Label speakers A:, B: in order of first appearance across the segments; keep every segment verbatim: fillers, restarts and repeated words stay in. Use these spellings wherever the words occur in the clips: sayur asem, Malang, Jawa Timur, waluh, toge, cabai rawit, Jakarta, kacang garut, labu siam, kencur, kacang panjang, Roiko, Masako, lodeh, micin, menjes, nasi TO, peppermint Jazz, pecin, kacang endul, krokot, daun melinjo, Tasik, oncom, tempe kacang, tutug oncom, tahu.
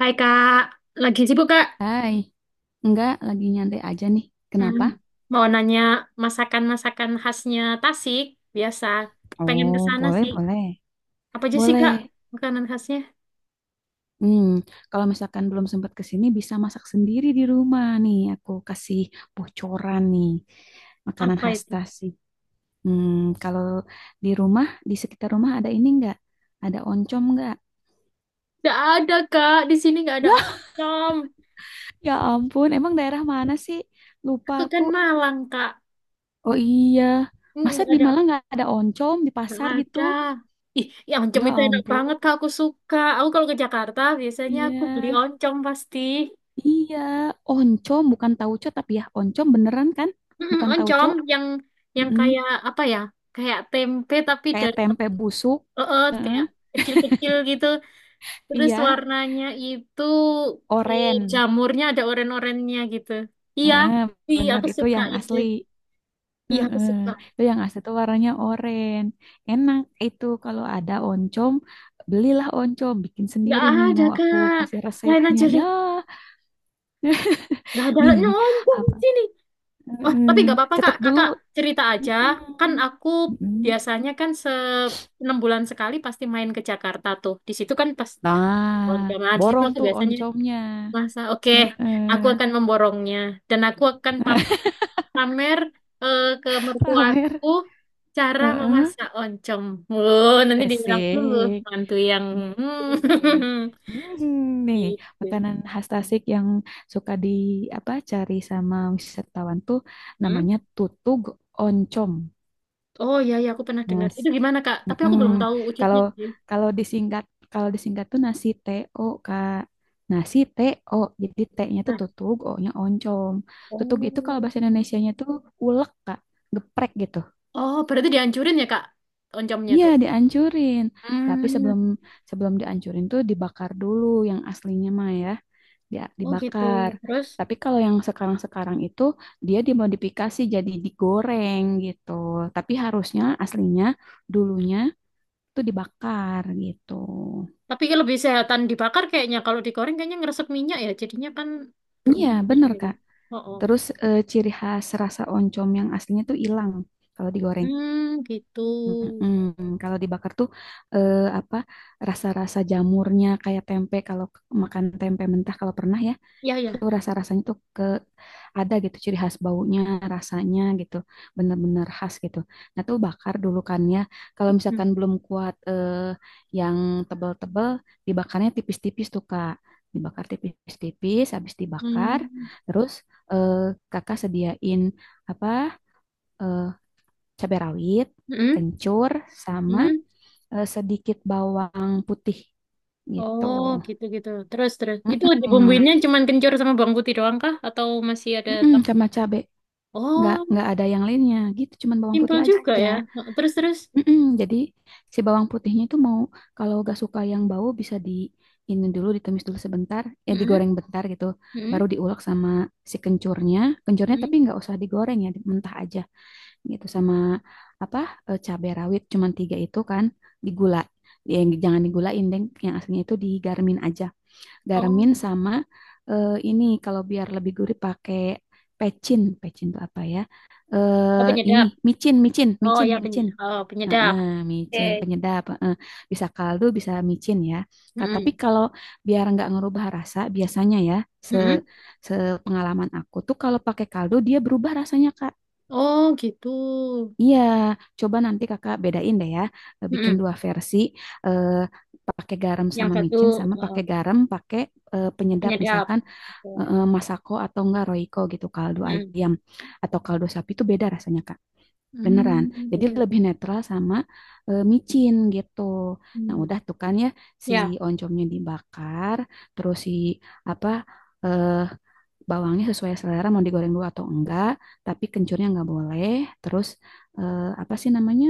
A: Hai Kak, lagi sibuk Kak?
B: Hai, enggak lagi nyantai aja nih.
A: Hmm,
B: Kenapa?
A: mau nanya masakan-masakan khasnya Tasik, biasa. Pengen ke
B: Oh,
A: sana
B: boleh,
A: sih.
B: boleh.
A: Apa aja sih Kak,
B: Boleh.
A: makanan khasnya?
B: Hmm, kalau misalkan belum sempat ke sini bisa masak sendiri di rumah nih. Aku kasih bocoran nih. Makanan
A: Apa
B: khas
A: itu?
B: Tasik. Hmm, kalau di rumah, di sekitar rumah ada ini enggak? Ada oncom enggak?
A: Nggak ada Kak, di sini nggak ada
B: Ya,
A: oncom.
B: ya ampun. Emang daerah mana sih? Lupa
A: Aku kan
B: aku.
A: Malang Kak,
B: Oh, iya.
A: Hmm,
B: Masa
A: nggak
B: di
A: ada.
B: Malang nggak ada oncom di
A: Nggak
B: pasar gitu?
A: ada. Ih, ya oncom
B: Ya
A: itu enak
B: ampun.
A: banget Kak, aku suka. Aku kalau ke Jakarta biasanya
B: Iya.
A: aku beli oncom pasti.
B: Iya, oncom bukan tauco tapi ya oncom beneran kan?
A: Mm-mm,
B: Bukan tauco.
A: oncom yang yang kayak
B: Mm-mm.
A: apa ya? Kayak tempe tapi
B: Kayak
A: dari
B: tempe busuk.
A: Oh, oh,
B: Heeh.
A: kayak kecil-kecil gitu. Terus
B: Iya,
A: warnanya itu eh,
B: oren.
A: jamurnya ada oren-orennya gitu. Iya,
B: Heeh,
A: iya
B: bener
A: aku
B: itu
A: suka
B: yang
A: itu.
B: asli.
A: Iya aku
B: Heeh.
A: suka.
B: Itu yang asli tuh warnanya oren. Enak itu kalau ada oncom, belilah oncom, bikin
A: Nggak
B: sendiri nih.
A: ada
B: Mau aku
A: kak.
B: kasih
A: Lain
B: resepnya.
A: aja
B: Ya,
A: deh. Nggak ada.
B: nih,
A: Oh, nyumbang
B: apa?
A: di sini. Oh,
B: Heeh.
A: tapi nggak apa-apa kak.
B: Catat dulu.
A: Kakak cerita aja. Kan
B: Mm-mm.
A: aku
B: Mm-mm.
A: biasanya kan se enam bulan sekali pasti main ke Jakarta tuh. Di situ kan pas Oh,
B: Nah,
A: enggak, nah, di situ
B: borong
A: aku
B: tuh
A: biasanya
B: oncomnya.
A: masa. Oke,
B: Heeh.
A: aku akan memborongnya dan aku akan pamit
B: Heeh.
A: pamer eh, ke
B: Pamer.
A: mertuaku cara
B: Heeh.
A: memasak oncom. Wow, nanti dibilang dulu
B: Asik.
A: mantu yang
B: Nih, ini
A: hmm,
B: nih. Hmm, nih,
A: gitu.
B: makanan khas Tasik yang suka di apa, cari sama wisatawan tuh
A: Hmm?
B: namanya tutug oncom,
A: Oh iya iya aku pernah dengar.
B: Mas.
A: Itu gimana Kak? Tapi aku
B: Mm-mm.
A: belum tahu
B: Kalau
A: wujudnya sih.
B: kalau disingkat kalau disingkat tuh nasi T O, Kak. Nasi T O. Jadi T-nya tuh
A: Nah,
B: tutug, O-nya oncom. Tutug itu kalau bahasa
A: oh.
B: Indonesianya tuh ulek, Kak. Geprek gitu.
A: Oh, berarti dihancurin ya Kak oncomnya
B: Iya,
A: tuh.
B: dihancurin. Tapi
A: Hmm.
B: sebelum sebelum dihancurin tuh dibakar dulu yang aslinya mah ya, dia
A: Oh gitu.
B: dibakar.
A: Terus
B: Tapi kalau yang sekarang-sekarang itu dia dimodifikasi jadi digoreng gitu. Tapi harusnya aslinya dulunya tuh dibakar gitu.
A: tapi lebih sehatan dibakar kayaknya kalau digoreng kayaknya ngeresep minyak ya. Jadinya kan
B: Iya,
A: berminyak
B: bener
A: gitu.
B: Kak.
A: Oh, oh.
B: Terus eh, ciri khas rasa oncom yang aslinya tuh hilang kalau digoreng.
A: Hmm, gitu.
B: Mm-mm. Kalau dibakar tuh eh, apa, rasa-rasa jamurnya kayak tempe, kalau k- makan tempe mentah kalau pernah ya,
A: Ya
B: tuh
A: ya.
B: rasa-rasanya tuh ke ada gitu, ciri khas baunya, rasanya gitu, bener-bener khas gitu. Nah tuh bakar dulu kan ya, kalau misalkan belum kuat eh, yang tebel-tebel dibakarnya tipis-tipis tuh Kak, dibakar tipis-tipis, habis dibakar
A: Hmm.
B: terus eh, kakak sediain apa eh, cabai rawit,
A: Hmm?
B: kencur, sama
A: Hmm?
B: eh, sedikit bawang putih gitu.
A: Oh, gitu-gitu. Terus, terus. Itu
B: Mm-mm.
A: dibumbuinnya cuman kencur sama bawang putih doang kah? Atau masih ada...
B: Mm-mm,
A: tam-
B: sama cabe. Nggak
A: Oh,
B: nggak ada yang lainnya gitu, cuman bawang
A: simpel
B: putih
A: juga
B: aja.
A: ya. Terus, terus.
B: Mm-mm. Jadi si bawang putihnya itu mau, kalau nggak suka yang bau bisa di ini dulu, ditumis dulu sebentar, ya
A: Hmm?
B: digoreng bentar gitu.
A: Hmm?
B: Baru diulek sama si kencurnya. Kencurnya
A: Hmm? Hmm.
B: tapi nggak usah digoreng ya, mentah aja gitu, sama apa eh, cabai rawit cuman tiga itu kan digula, ya, jangan digulain, Deng. Yang aslinya itu digarmin aja. Garmin
A: Oh,
B: sama eh, ini kalau biar lebih gurih pakai pecin. Pecin itu apa ya?
A: oh
B: Eh, ini
A: penyedap.
B: micin, micin,
A: Oh,
B: micin,
A: ya peny
B: micin.
A: oh, penyedap.
B: Heeh,
A: Oke.
B: micin penyedap. Heeh. Bisa kaldu, bisa micin ya. Ka- Tapi
A: Hmm.
B: kalau biar nggak ngerubah rasa, biasanya ya, se
A: Hmm? Hmm.
B: sepengalaman aku tuh kalau pakai kaldu dia berubah rasanya Kak.
A: Oh, gitu.
B: Iya, coba nanti kakak bedain deh ya. Eh,
A: Hmm.
B: bikin
A: Hmm.
B: dua versi, eh, pakai garam
A: Yang
B: sama
A: satu
B: micin, sama
A: oh,
B: pakai garam pakai eh,
A: oh,
B: penyedap
A: penyedap.
B: misalkan,
A: Oke.
B: eh, masako atau enggak roiko gitu, kaldu
A: Hmm.
B: ayam atau kaldu sapi itu beda rasanya Kak. Beneran.
A: Hmm.
B: Jadi
A: Oke, oke.
B: lebih netral sama eh, micin gitu. Nah,
A: Hmm.
B: udah tuh kan ya, si
A: Ya.
B: oncomnya dibakar, terus si apa eh, bawangnya sesuai selera mau digoreng dulu atau enggak, tapi kencurnya enggak boleh. Terus eh, apa sih namanya,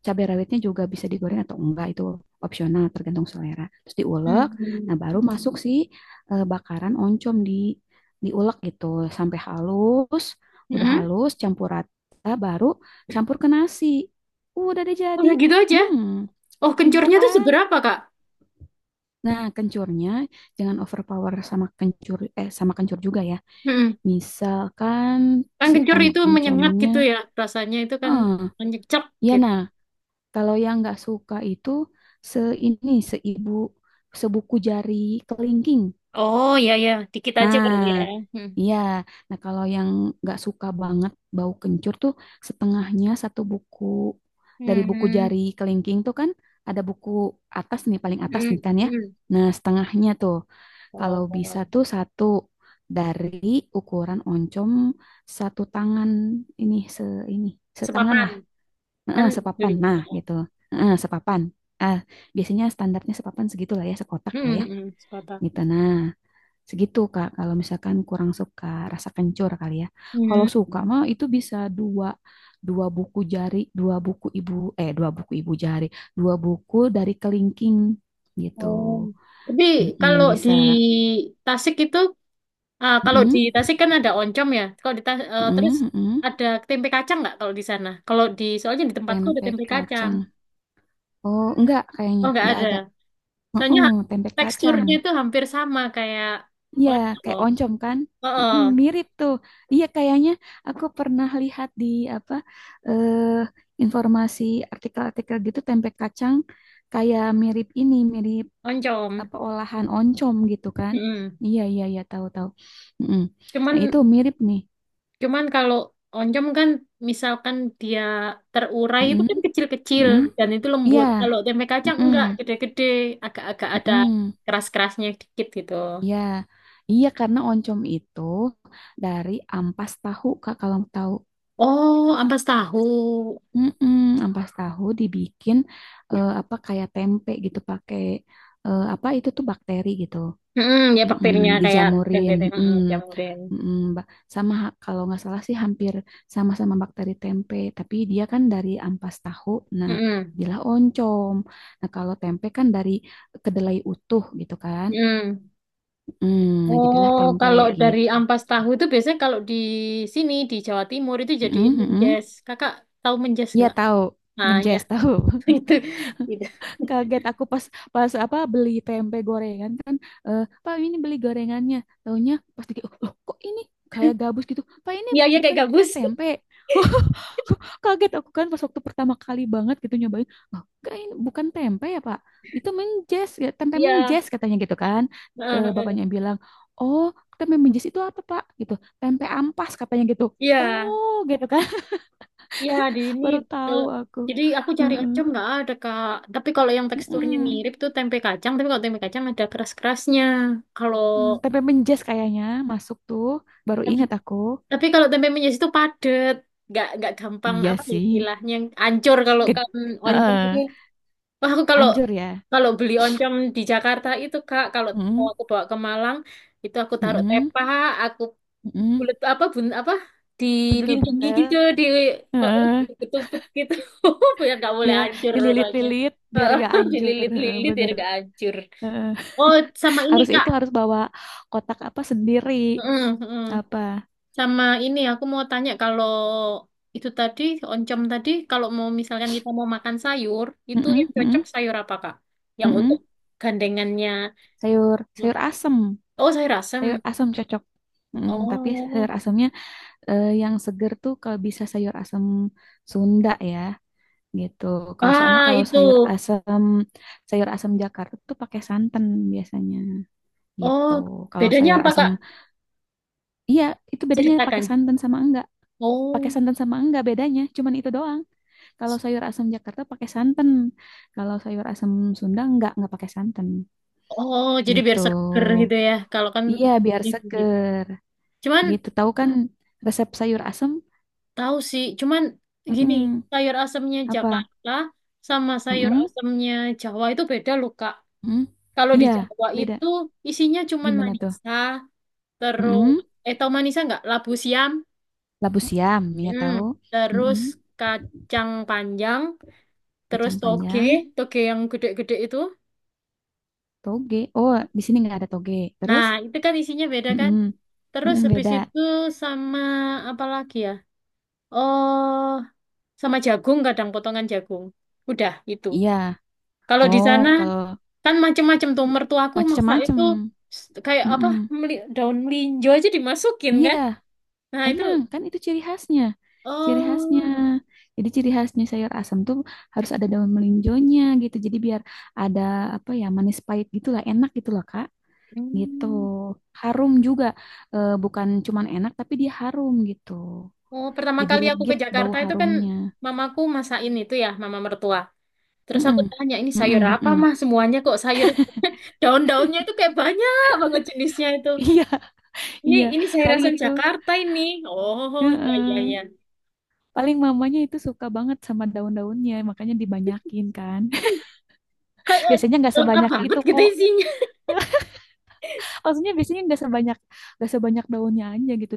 B: cabai rawitnya juga bisa digoreng atau enggak, itu opsional tergantung selera, terus diulek.
A: Hmm. Hmm.
B: Nah, baru masuk si eh, bakaran oncom, di diulek gitu sampai halus.
A: Hmm.
B: Udah
A: Hmm.
B: halus campur rata, baru campur ke nasi. Uh, udah deh jadi.
A: Udah gitu aja.
B: Hmm,
A: Oh,
B: simple
A: kencurnya tuh
B: kan.
A: seberapa, Kak?
B: Nah, kencurnya jangan overpower sama kencur, eh, sama kencur juga ya,
A: Mm-mm.
B: misalkan
A: Kan
B: si
A: kencur itu menyengat
B: oncomnya
A: gitu ya, rasanya itu kan
B: eh,
A: menyecek
B: ya
A: gitu.
B: nah. Kalau yang nggak suka itu se, ini seibu, sebuku jari kelingking.
A: Oh, iya, iya. Dikit aja
B: Nah,
A: kali ya. Hmm.
B: iya. Nah, kalau yang nggak suka banget bau kencur tuh setengahnya, satu buku dari buku jari
A: Hmm.
B: kelingking tuh kan, ada buku atas nih, paling atas
A: Hmm.
B: nih kan ya.
A: Hmm.
B: Nah, setengahnya tuh kalau bisa
A: Oh,
B: tuh satu, dari ukuran oncom satu tangan, ini se, ini setangan.
A: sepapan. Kan
B: Heeh,
A: beli.
B: sepapan. Nah,
A: Oh.
B: gitu. Heeh, sepapan. Ah, biasanya standarnya sepapan segitu lah ya, sekotak lah
A: Hmm.
B: ya.
A: Hmm. Sepapan.
B: Gitu. Nah, segitu Kak. Kalau misalkan kurang suka rasa kencur kali ya. Kalau
A: Hmm.
B: suka mah itu bisa dua, dua buku jari, dua buku ibu, eh, dua buku ibu jari, dua buku dari kelingking gitu.
A: Oh. Tapi kalau
B: Mm-mm,
A: di
B: bisa.
A: Tasik itu, ah, kalau di
B: Mm-mm,
A: Tasik kan ada oncom ya. Kalau di Tas- eh, Terus
B: mm-mm, mm-mm.
A: ada tempe kacang nggak kalau di sana? Kalau di, soalnya di tempatku ada
B: Tempe
A: tempe kacang.
B: kacang. Oh, enggak
A: Oh,
B: kayaknya,
A: nggak
B: enggak
A: ada.
B: ada.
A: Soalnya
B: Mm-mm, tempe kacang.
A: teksturnya itu hampir sama kayak
B: Iya, kayak
A: oncom.
B: oncom kan?
A: Heeh,
B: Mm, mirip tuh. Iya, kayaknya aku pernah lihat di apa eh, informasi, artikel-artikel gitu, tempe kacang kayak mirip ini, mirip
A: oncom.
B: apa, olahan oncom gitu kan?
A: Mm.
B: Iya, iya, iya, tahu-tahu. Mm.
A: Cuman
B: Nah, itu mirip nih.
A: cuman kalau oncom kan misalkan dia terurai itu
B: Mm-mm,
A: kan kecil-kecil
B: mm-mm.
A: dan itu
B: Iya,
A: lembut. Kalau tempe kacang
B: mm-mm,
A: enggak gede-gede, agak-agak ada
B: mm-mm.
A: keras-kerasnya dikit gitu.
B: Iya. Iya, karena oncom itu dari ampas tahu, Kak, kalau tahu.
A: Oh, ampas tahu.
B: Mm-mm, ampas tahu dibikin eh, apa kayak tempe gitu, pakai eh, apa itu tuh bakteri gitu.
A: Mm-mm, ya
B: Mm-mm,
A: bakterinya kayak
B: dijamurin.
A: tempe-tempe.
B: Mm-mm,
A: Mm-mm, tempe.
B: mm-mm, ba- sama ha- kalau nggak salah sih hampir sama-sama bakteri tempe, tapi dia kan dari ampas tahu. Nah,
A: Mm-mm,
B: jadilah oncom. Nah, kalau tempe kan dari kedelai utuh gitu kan.
A: mm-mm.
B: Mm, nah, jadilah
A: Oh,
B: tempe
A: kalau dari
B: gitu.
A: ampas tahu itu biasanya kalau di sini di Jawa Timur itu jadi
B: Mm-mm, mm-mm.
A: menjes. Kakak tahu menjes
B: Iya,
A: nggak?
B: tahu,
A: Nah, ya
B: menjes tahu.
A: itu, gitu.
B: Kaget aku pas, pas apa beli tempe gorengan kan, eh, Pak ini beli gorengannya, taunya pas dikit, "Oh, loh, kok ini kayak gabus gitu, Pak, ini
A: Iya, iya kayak
B: bukannya
A: gabus.
B: tempe?" Kaget aku kan pas waktu pertama kali banget gitu nyobain, oh, enggak, ini bukan tempe ya Pak, itu menjes, ya tempe
A: Iya,
B: menjes katanya gitu kan.
A: heeh,
B: Eh,
A: heeh.
B: bapaknya bilang, oh, tempe menjes itu apa Pak gitu, tempe ampas katanya gitu,
A: Iya,
B: oh gitu kan.
A: iya di sini.
B: Baru
A: eh,
B: tahu aku.
A: jadi aku cari
B: Heeh.
A: oncom nggak ada Kak. Tapi kalau yang teksturnya
B: Mm-mm.
A: mirip tuh tempe kacang. Tapi kalau tempe kacang ada keras-kerasnya. Kalau
B: Hmm, peppermint Jazz kayaknya masuk tuh. Baru
A: tapi,
B: ingat aku.
A: tapi kalau tempe menjes itu padet, nggak nggak gampang
B: Iya
A: apa ya
B: sih.
A: istilahnya ancur kalau
B: Ged-
A: kan oncom itu.
B: Heeh,
A: Wah, aku kalau
B: anjur ya.
A: Kalau beli oncom di Jakarta itu Kak, kalau mau
B: Mm-mm,
A: aku bawa ke Malang, itu aku taruh
B: mm,
A: tepa, aku
B: mm,
A: bulet apa bun apa dilindungi gitu
B: bentel-bentel.
A: di, di
B: Heeh,
A: ketupet gitu biar nggak boleh
B: ya.
A: hancur kayaknya.
B: Dililit-lilit biar gak anjur. Heeh,
A: Dililit-lilit biar
B: bener.
A: nggak hancur.
B: Heeh.
A: Oh, sama ini
B: Harus
A: Kak.
B: itu, harus bawa kotak apa sendiri.
A: Mm, mm.
B: Apa?
A: Sama ini aku mau tanya kalau itu tadi oncom tadi kalau mau misalkan kita mau makan sayur, itu yang cocok
B: Mm,
A: sayur apa Kak? Yang untuk
B: mm-mm.
A: gandengannya.
B: Sayur, sayur asem.
A: Oh, sayur
B: Sayur
A: asem.
B: asem cocok. Mm, tapi sayur
A: Oh.
B: asemnya eh, yang seger tuh kalau bisa sayur asem Sunda ya. Gitu. Kalau soalnya
A: Ah,
B: kalau
A: itu.
B: sayur asam, sayur asam Jakarta tuh pakai santan biasanya
A: Oh,
B: gitu. Kalau
A: bedanya
B: sayur
A: apa,
B: asam,
A: Kak?
B: iya, itu bedanya
A: Ceritakan.
B: pakai santan sama enggak. Pakai
A: Oh.
B: santan sama enggak bedanya, cuman itu doang. Kalau sayur asam Jakarta pakai santan. Kalau sayur asam Sunda enggak, enggak pakai santan
A: Oh, jadi
B: gitu.
A: biar seger gitu ya. Kalau kan
B: Iya, biar
A: dingin gitu.
B: seger
A: Cuman
B: gitu. Tahu kan resep sayur asam.
A: tahu sih, cuman gini,
B: Mm-mm.
A: sayur asemnya
B: Apa?
A: Jakarta sama sayur
B: Mm-mm.
A: asemnya Jawa itu beda loh, Kak.
B: Mm-mm.
A: Kalau di
B: Iya,
A: Jawa
B: beda.
A: itu isinya cuman
B: Gimana tuh?
A: manisa, terus
B: Mm-mm.
A: eh tau manisa nggak? Labu siam.
B: Labu siam, ya
A: Hmm.
B: tahu.
A: Terus
B: Mm-mm.
A: kacang panjang terus
B: Kacang
A: toge,
B: panjang,
A: toge yang gede-gede itu.
B: toge. Oh, di sini nggak ada toge.
A: Nah,
B: Terus,
A: itu kan isinya beda kan?
B: mm-mm.
A: Terus
B: Mm-mm,
A: habis
B: beda.
A: itu sama apa lagi ya? Oh, sama jagung kadang potongan jagung. Udah itu.
B: Iya.
A: Kalau di
B: Oh,
A: sana
B: kalau
A: kan macem-macem tuh mertuaku masak
B: macam-macam.
A: itu s- kayak apa
B: Mm-mm.
A: meli- daun melinjo aja dimasukin
B: Iya,
A: kan? Nah, itu
B: emang kan itu ciri khasnya. Ciri khasnya.
A: oh
B: Jadi ciri khasnya sayur asam tuh harus ada daun melinjonya gitu. Jadi biar ada apa ya, manis pahit gitulah, enak gitulah Kak. Gitu.
A: hmm.
B: Harum juga. Eh, bukan cuman enak tapi dia harum gitu.
A: Oh, pertama
B: Jadi
A: kali aku ke
B: legit bau
A: Jakarta itu kan
B: harumnya.
A: mamaku masakin itu ya, mama mertua. Terus aku
B: Mm-mm.
A: tanya, ini sayur
B: Mm-mm,
A: apa
B: mm-mm.
A: mah? Semuanya kok sayur. Daun-daunnya itu kayak banyak banget jenisnya itu.
B: Iya,
A: Ini
B: iya.
A: ini sayur
B: Paling
A: asam
B: itu.
A: Jakarta ini. Oh, iya iya
B: Heeh.
A: iya.
B: Paling mamanya itu suka banget sama daun-daunnya, makanya dibanyakin kan.
A: Kayak eh,
B: Biasanya nggak
A: lengkap
B: sebanyak
A: banget
B: itu
A: gitu
B: kok.
A: isinya.
B: Maksudnya biasanya nggak sebanyak, nggak sebanyak daunnya aja gitu.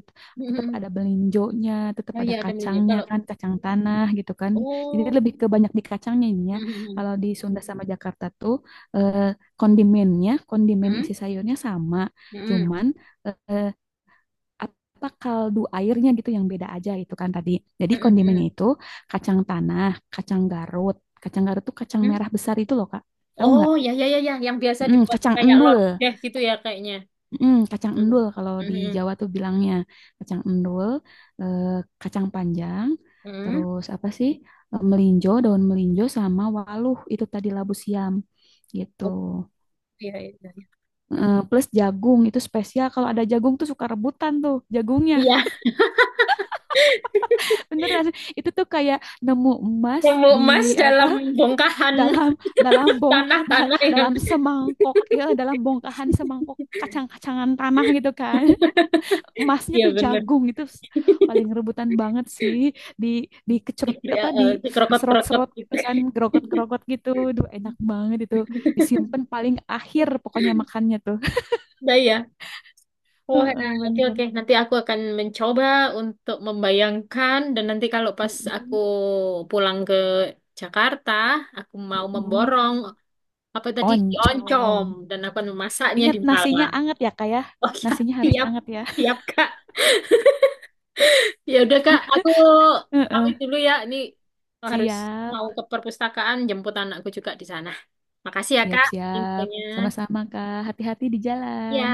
B: Tetap ada belinjonya, tetap
A: Oh iya
B: ada
A: ada menunya.
B: kacangnya
A: Kalau
B: kan, kacang tanah gitu kan. Jadi
A: oh.
B: lebih ke banyak di kacangnya ini ya.
A: Hmm,
B: Kalau di Sunda sama Jakarta tuh eh, kondimennya, kondimen
A: hmm,
B: isi sayurnya sama,
A: hmm, hmm, hmm.
B: cuman eh, apa, kaldu airnya gitu yang beda aja itu kan tadi. Jadi
A: Hmm. Hmm,
B: kondimennya
A: hmm,
B: itu kacang tanah, kacang garut. Kacang garut tuh kacang
A: hmm.
B: merah besar itu loh Kak. Tahu
A: Oh,
B: nggak?
A: ya ya ya ya, yang biasa
B: Mm,
A: dibuat
B: kacang
A: kayak
B: endul.
A: lodeh gitu ya kayaknya.
B: Mm, kacang
A: Hmm,
B: endul kalau
A: hmm,
B: di
A: hmm.
B: Jawa tuh bilangnya kacang endul, eh, kacang panjang,
A: Hmm.
B: terus apa sih? Eh, melinjo, daun melinjo sama waluh itu tadi labu siam gitu.
A: Oh, iya iya. Iya,
B: Eh, plus jagung itu spesial, kalau ada jagung tuh suka rebutan tuh jagungnya.
A: iya,
B: Beneran, itu tuh kayak nemu emas
A: nemu
B: di
A: emas
B: apa,
A: dalam bongkahan
B: dalam dalam bong da-
A: tanah-tanah yang
B: dalam semangkok ya, dalam bongkahan semangkok kacang-kacangan tanah gitu kan. Emasnya tuh
A: iya bener.
B: jagung itu paling rebutan banget sih, di di kecerut
A: Ya,
B: apa di
A: eh, itu Krokot-krokot
B: diserot-serot
A: gitu.
B: gitu kan, gerogot-gerogot gitu. Duh, enak banget itu. Disimpan paling akhir pokoknya makannya tuh.
A: Nah ya. Oh, ya,
B: Heeh,
A: oke
B: bener.
A: oke. Nanti aku akan mencoba untuk membayangkan dan nanti kalau pas aku
B: Mm-mm,
A: pulang ke Jakarta, aku mau
B: mm-mm.
A: memborong apa tadi
B: Oncom.
A: oncom dan aku akan memasaknya
B: Ingat
A: di
B: nasinya
A: Malang.
B: anget ya, kayak,
A: Oh ya,
B: nasinya harus
A: siap,
B: anget ya.
A: siap Kak. Ya udah Kak, aku pamit
B: Heeh.
A: dulu ya. Ini harus
B: Siap,
A: mau ke perpustakaan jemput anakku juga di sana. Makasih ya
B: siap,
A: Kak
B: siap.
A: infonya.
B: Sama-sama, Kak. Hati-hati di
A: Ya.
B: jalan.